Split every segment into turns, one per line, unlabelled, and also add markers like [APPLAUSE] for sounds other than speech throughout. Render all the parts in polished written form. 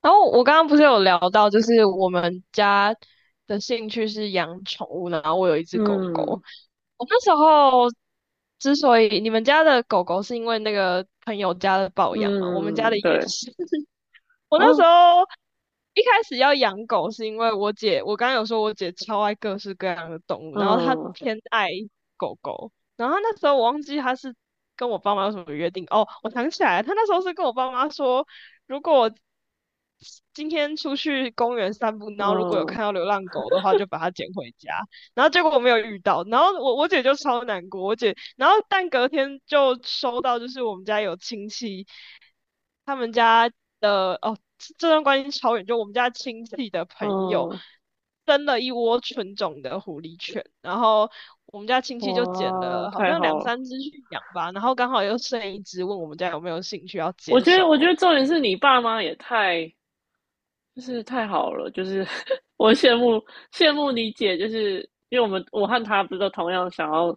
然后我刚刚不是有聊到，就是我们家的兴趣是养宠物，然后我有一只狗狗。
嗯
我那时候之所以你们家的狗狗是因为那个朋友家的抱养嘛，我们家的
嗯，
也
对
是。[LAUGHS] 我那时
啊，
候一开始要养狗，是因为我姐，我刚刚有说我姐超爱各式各样的动物，然后她
嗯
偏爱狗狗，然后她那时候我忘记她是跟我爸妈有什么约定哦，我想起来了她那时候是跟我爸妈说。如果我今天出去公园散步，然后如果有
嗯
看到流浪狗的话，就把它捡回家。然后结果我没有遇到，然后我姐就超难过，我姐，然后但隔天就收到，就是我们家有亲戚，他们家的哦，这段关系超远，就我们家亲戚的朋友
嗯，
生了一窝纯种的狐狸犬，然后我们家亲戚就捡
哇，
了好
太
像
好
两
了！
三只去养吧，然后刚好又剩一只，问我们家有没有兴趣要
我
接
觉得，我觉
收。
得重点是你爸妈也太就是太好了，就是 [LAUGHS] 我羡慕你姐，就是因为我和她不是都同样想要，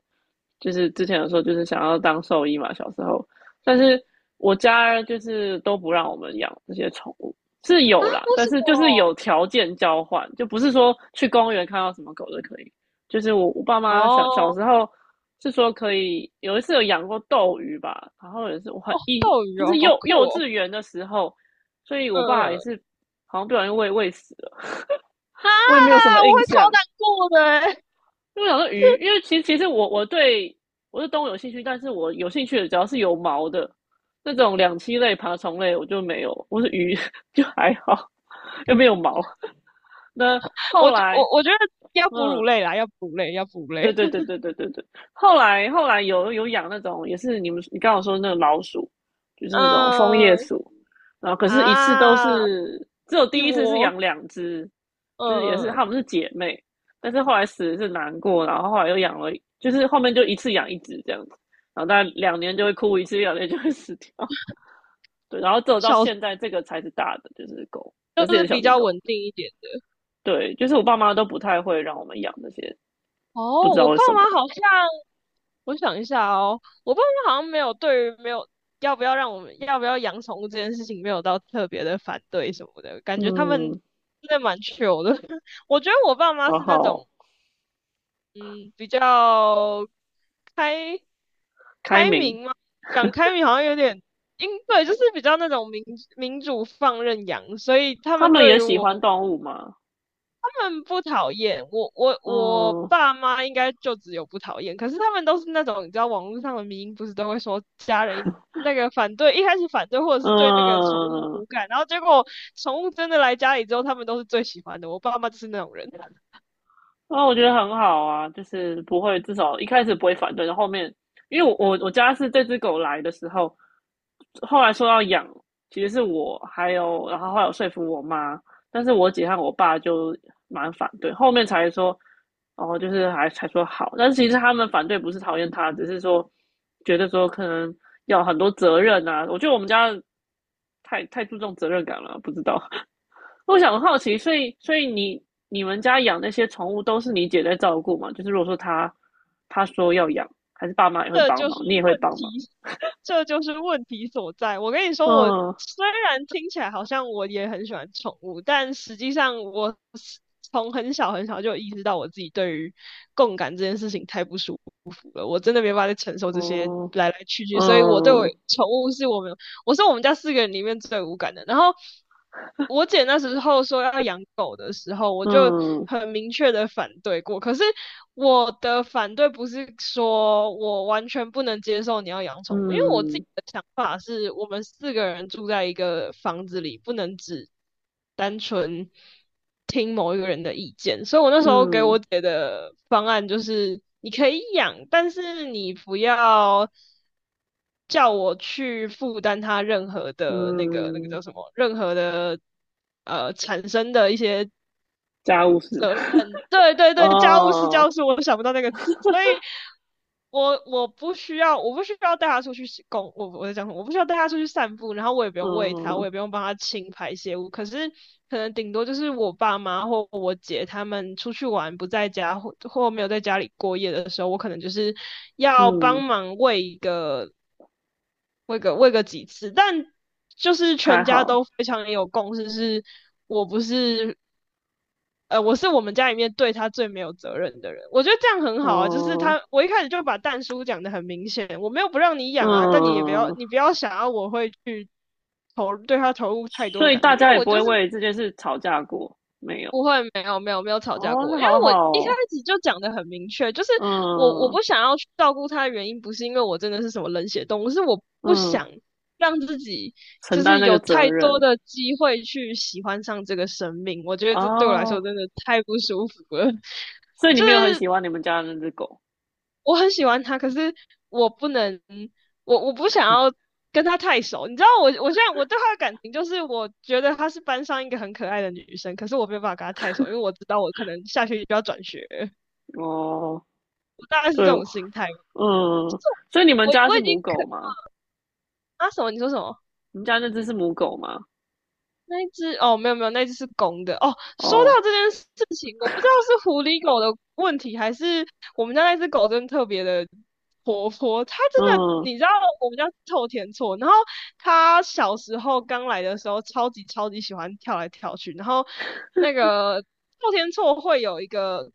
就是之前有说就是想要当兽医嘛，小时候，但是我家就是都不让我们养这些宠物，是
啊，
有啦，
为
但
什
是
么？
就是有条件交换，就不是说去公园看到什么狗都可以，就是我爸妈小小
哦，
时候是说可以，有一次有养过斗鱼吧，然后也是我很一
斗鱼
就是
哦，好
幼
酷
幼
哦。
稚园的时候。所以我
嗯
爸
嗯
也
嗯，
是好像不小心喂死了，
啊，
[LAUGHS] 我也没有什么
我
印
会超
象。
难过的欸。
因为我想说鱼，因为其实我对我是动物有兴趣，但是我有兴趣的只要是有毛的那种两栖类、爬虫类，我就没有。我是鱼 [LAUGHS] 就还好，又没有毛。那
[LAUGHS] 我
后
我
来，
我觉得要哺乳
嗯，
类啦，要哺乳类，要哺乳类。
对对对
[LAUGHS]
对对对对。后来有养那种，也是你刚刚说那个老鼠，就是那种枫叶
嗯，
鼠，然后可是一次都
啊，
是只有
一
第一次是
窝。
养两只，就是也是
嗯嗯，
它们是姐妹，但是后来死的是难过，然后后来又养了，就是后面就一次养一只这样子，然后大概两年就会哭一次，两年就会死掉。对，然后只有到
小
现在这个才是大的，就是狗，可是
就
也
是
是小
比
型
较
狗。
稳定一点的。
对，就是我爸妈都不太会让我们养这些，不
哦，
知道
我
为
爸
什
妈
么。
好像我想一下哦，我爸妈好像没有对于没有要不要让我们要不要养宠物这件事情没有到特别的反对什么的，感觉他们
嗯，
真的蛮 c 的。[LAUGHS] 我觉得我爸妈
然
是那
后
种嗯比较开
开
开
明，
明吗？讲开明好像有点，因对，就是比较那种民民主放任养，所以他
他
们
们
对
也
于
喜欢
我
动物嘛，
他们不讨厌我，我我
嗯
爸妈应该就只有不讨厌，可是他们都是那种你知道网络上的迷因不是都会说家人那个反对，一开始反对或者是对那个宠物
嗯，
无感，然后结果宠物真的来家里之后，他们都是最喜欢的。我爸妈就是那种人。[LAUGHS]
啊，我觉得很好啊，就是不会，至少一开始不会反对，然后后面，因为我家是这只狗来的时候，后来说要养，其实是我还有，然后后来有说服我妈，但是我姐和我爸就蛮反对，后面才说，哦，就是还才说好，但是其实他们反对不是讨厌它，只是说觉得说可能要很多责任啊，我觉得我们家太注重责任感了，不知道，我想好奇，所以你你们家养那些宠物都是你姐在照顾吗？就是如果说她说要养，还是爸妈也会
这
帮
就是
忙，你也会
问
帮忙？
题，这就是问题所在。我跟你说，我
嗯，
虽然听起来好像我也很喜欢宠物，但实际上我是从很小很小就意识到我自己对于共感这件事情太不舒服了，我真的没办法再承受这些
哦，
来来去去，所以我对我
嗯
宠物是我们我是我们家四个人里面最无感的。然后我姐那时候说要养狗的时候，我就
嗯
很明确的反对过。可是我的反对不是说我完全不能接受你要养宠物，因为我自己
嗯
的想法是我们四个人住在一个房子里，不能只单纯听某一个人的意见。所以我那时候给我
嗯
姐的方案就是，你可以养，但是你不要叫我去负担他任何的那个
嗯，
叫什么，任何的产生的一些
家务事。
呃，对对对，家务事家
哦，
务事，我想不到那个词，所以我不需要带他出去洗公，我我在讲什么，我不需要带他出去散步，然后我也不用喂他，我
嗯
也不用帮他清排泄物，可是可能顶多就是我爸妈或我姐他们出去玩不在家或没有在家里过夜的时候，我可能就是要
嗯，
帮忙喂一个。喂个喂个几次，但就是
还
全家都
好。
非常有共识，是我不是，呃，我是我们家里面对他最没有责任的人。我觉得这样很好啊，就是
哦
他，我一开始就把蛋叔讲的很明显，我没有不让你养啊，但你也不要，
嗯，
你不要想要我会去投对他投入太多
所
的
以
感情，
大
因
家
为
也
我
不会
就是
为这件事吵架过，没有。
不会，没有没有没有吵架
哦，
过，
那
因为
好
我一开
好
始就讲的很明确，就是我我
哦
不想要去照顾他的原因，不是因为我真的是什么冷血动物，是我不
嗯嗯。
想让自己
承
就
担
是
那个
有
责
太多
任
的机会去喜欢上这个生命，我觉得这对我来说
哦。
真的太不舒服了。
所
[LAUGHS]
以你
就
没有很
是
喜欢你们家的那只狗
我很喜欢他，可是我不能，我不想要跟他太熟。你知道我，我现在我对他的感情就是，我觉得她是班上一个很可爱的女生，可是我没有办法跟她太熟，因为我知道我可能下学期就要转学，
哦？
我大概是
对，
这种心态。就是
嗯，所以你们
我
家
我
是
已经
母
可
狗吗？
啊什么？你说什么？
你们家那只是母狗吗？
那一只哦，没有没有，那一只是公的哦。说
哦，
到这件事情，我不知道是狐狸狗的问题，还是我们家那只狗真的特别的活泼。它真的，
嗯
你知道我们家是臭田厝，然后它小时候刚来的时候，超级超级喜欢跳来跳去。然后那个臭天厝会有一个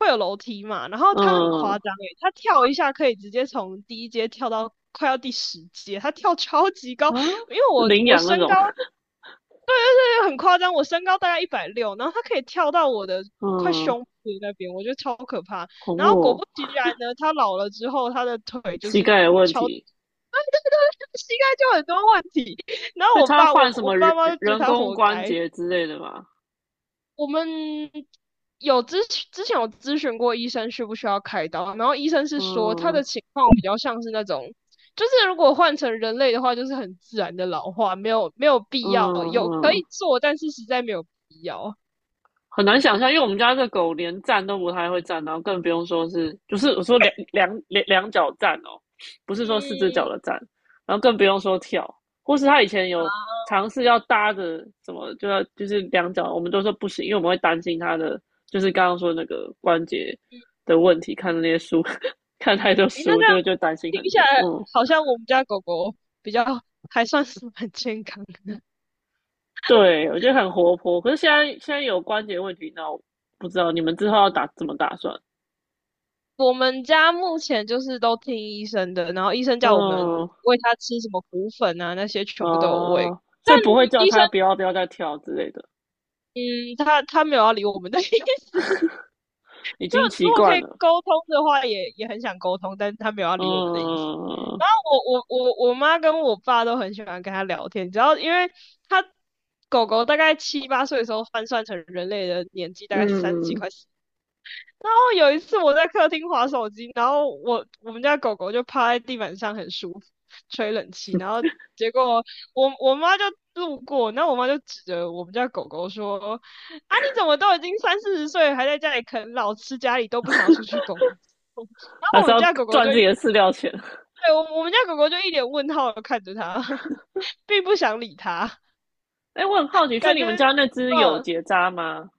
会有楼梯嘛，然后它很
嗯
夸张诶，它跳一下可以直接从第1阶跳到快要第10阶，它跳超级
啊，
高。因为我
领
我
养那
身高
种，
就很夸张，我身高大概160，然后他可以跳到我的快
嗯，
胸部那边，我觉得超可怕。
恐
然
怖
后果
哦、
不其然呢，他老了之后，他的腿就
膝
是
盖有问
超，[LAUGHS] 对
题，
对对，膝盖就很多问题。然
所以
后我
它
爸，
换
我
什
我
么
爸
人
妈就觉得
人
他
工
活
关
该，
节之类的吗？
我们有咨询之前有咨询过医生需不需要开刀，然后医生是说他的
嗯
情况比较像是那种，就是如果换成人类的话，就是很自然的老化，没有没有
嗯
必要，有可
嗯。
以做，但是实在没有必要。
很难想象，因为我们家这狗连站都不太会站，然后更不用说是，就是我说两脚站哦，不是说四只脚
嗯，
的站，然后更不用说跳，或是它以前
啊，
有尝试要搭着什么，就要就是两脚，我们都说不行，因为我们会担心它的，就是刚刚说那个关节
嗯，
的问题，看那些书，[LAUGHS] 看太多
诶，那
书
这样
就担心
听
很
起来
多，嗯，
好像我们家狗狗比较 [LAUGHS] 还算是蛮健康的。
对我觉得很活泼，可是现在有关节问题，那我不知道你们之后要打怎么打算，
我们家目前就是都听医生的，然后医生叫我们
嗯。
喂它吃什么骨粉啊，那些全部都有喂。
哦，所
但
以不会叫
医生，
他不要再跳之类的，
嗯，他没有要理我们的 [LAUGHS] 意思。[LAUGHS]
已
就
经
如
习
果可
惯
以
了。
沟通的话也，也很想沟通，但是他没有要理我们的意思。
嗯
我妈跟我爸都很喜欢跟他聊天，只要因为他狗狗大概7、8岁的时候换算成人类的年纪大概是30几
嗯，
快四，有一次我在客厅划手机，然后我我们家狗狗就趴在地板上很舒服，吹冷气，然后结果我妈就路过，那我妈就指着我们家狗狗说：“啊，你怎么都已经3、40岁了，还在家里啃老，吃家里都不想要出去工作？”然
还
后我
是
们
要
家狗狗
赚
就
自己的
一，
饲料钱。
对，我我们家狗狗就一脸问号的看着他，[LAUGHS] 并不想理他，
[LAUGHS] 哎，我很好奇，所以
感
你
觉
们家那只有
嗯，
结扎吗？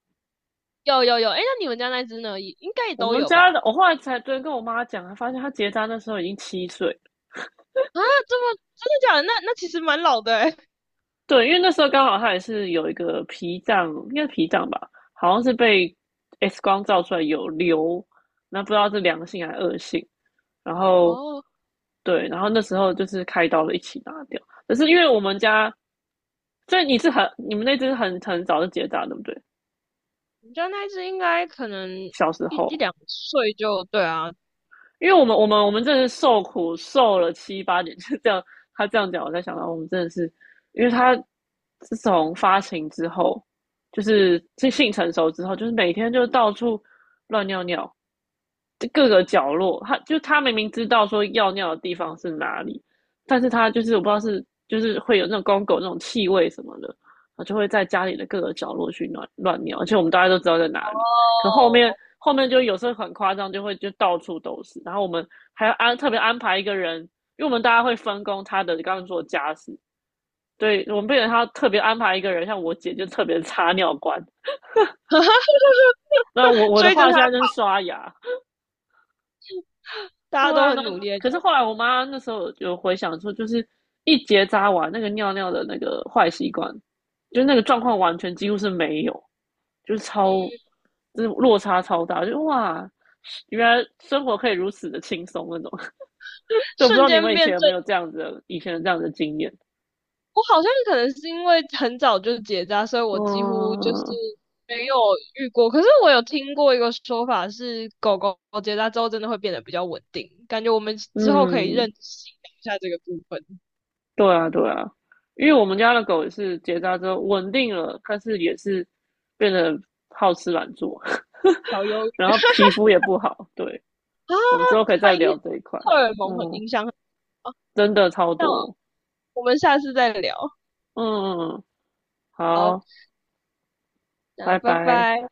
有有有，哎，那你们家那只呢？也应该也
我
都
们
有
家的，
吧？
我后来才昨天跟我妈讲，她发现她结扎那时候已经七岁。
啊，这么真的假的？那那其实蛮老的哎、
对，因为那时候刚好她也是有一个脾脏，应该是脾脏吧，好像是被 X 光照出来有瘤，那不知道是良性还是恶性。然后
哦，
对，然后那时候就是开刀了一起拿掉，可是因为我们家，所以你是很你们那只很早就结扎，对不对？
我们家那只应该可能
小时
一一
候
两岁就对啊，哦。
因为我们真的是受苦受了七八年，就这样。他这样讲，我才想到我们真的是，因为他自从发情之后，就是这性成熟之后，就是每天就到处乱尿尿，就各个角落。他就他明明知道说要尿的地方是哪里，但是他就是我不知道是就是会有那种公狗那种气味什么的，他就会在家里的各个角落去乱乱尿，而且我们大家都知道在哪里。可后面就有时候很夸张，就会就到处都是。然后我们还要安特别安排一个人，因为我们大家会分工他的刚刚做家事，对我们变成他特别安排一个人，像我姐就特别擦尿罐。
[LAUGHS]
那我的
追着
话
它
现在就是
跑，
刷牙，
大
对
家都
啊，然
很努
后
力的
可
追，
是后来我妈那时候有回想说，就是一结扎完那个尿尿的那个坏习惯，就是那个状况完全几乎是没有，就是超，就是落差超大，就哇，原来生活可以如此的轻松那种。所以我不知
瞬
道你们
间
以
变
前有
正。
没有这样子的，以前的这样的经验。
我好像可能是因为很早就结扎，所以我几乎就是
嗯
没有遇过。可是我有听过一个说法是，狗狗结扎之后真的会变得比较稳定，感觉我们之后可以认
嗯，
识一下这个部分。
对啊，因为我们家的狗也是结扎之后稳定了，但是也是变得好吃懒做，
小
[LAUGHS]
忧
然
郁
后皮肤也不好。对，
[LAUGHS] 啊，
我们之后可以
它
再聊
影
这一块。
荷尔蒙很
嗯，
影响很大，
真的超多。
我们下次再聊。
嗯，好，
好，那
拜
拜
拜。
拜。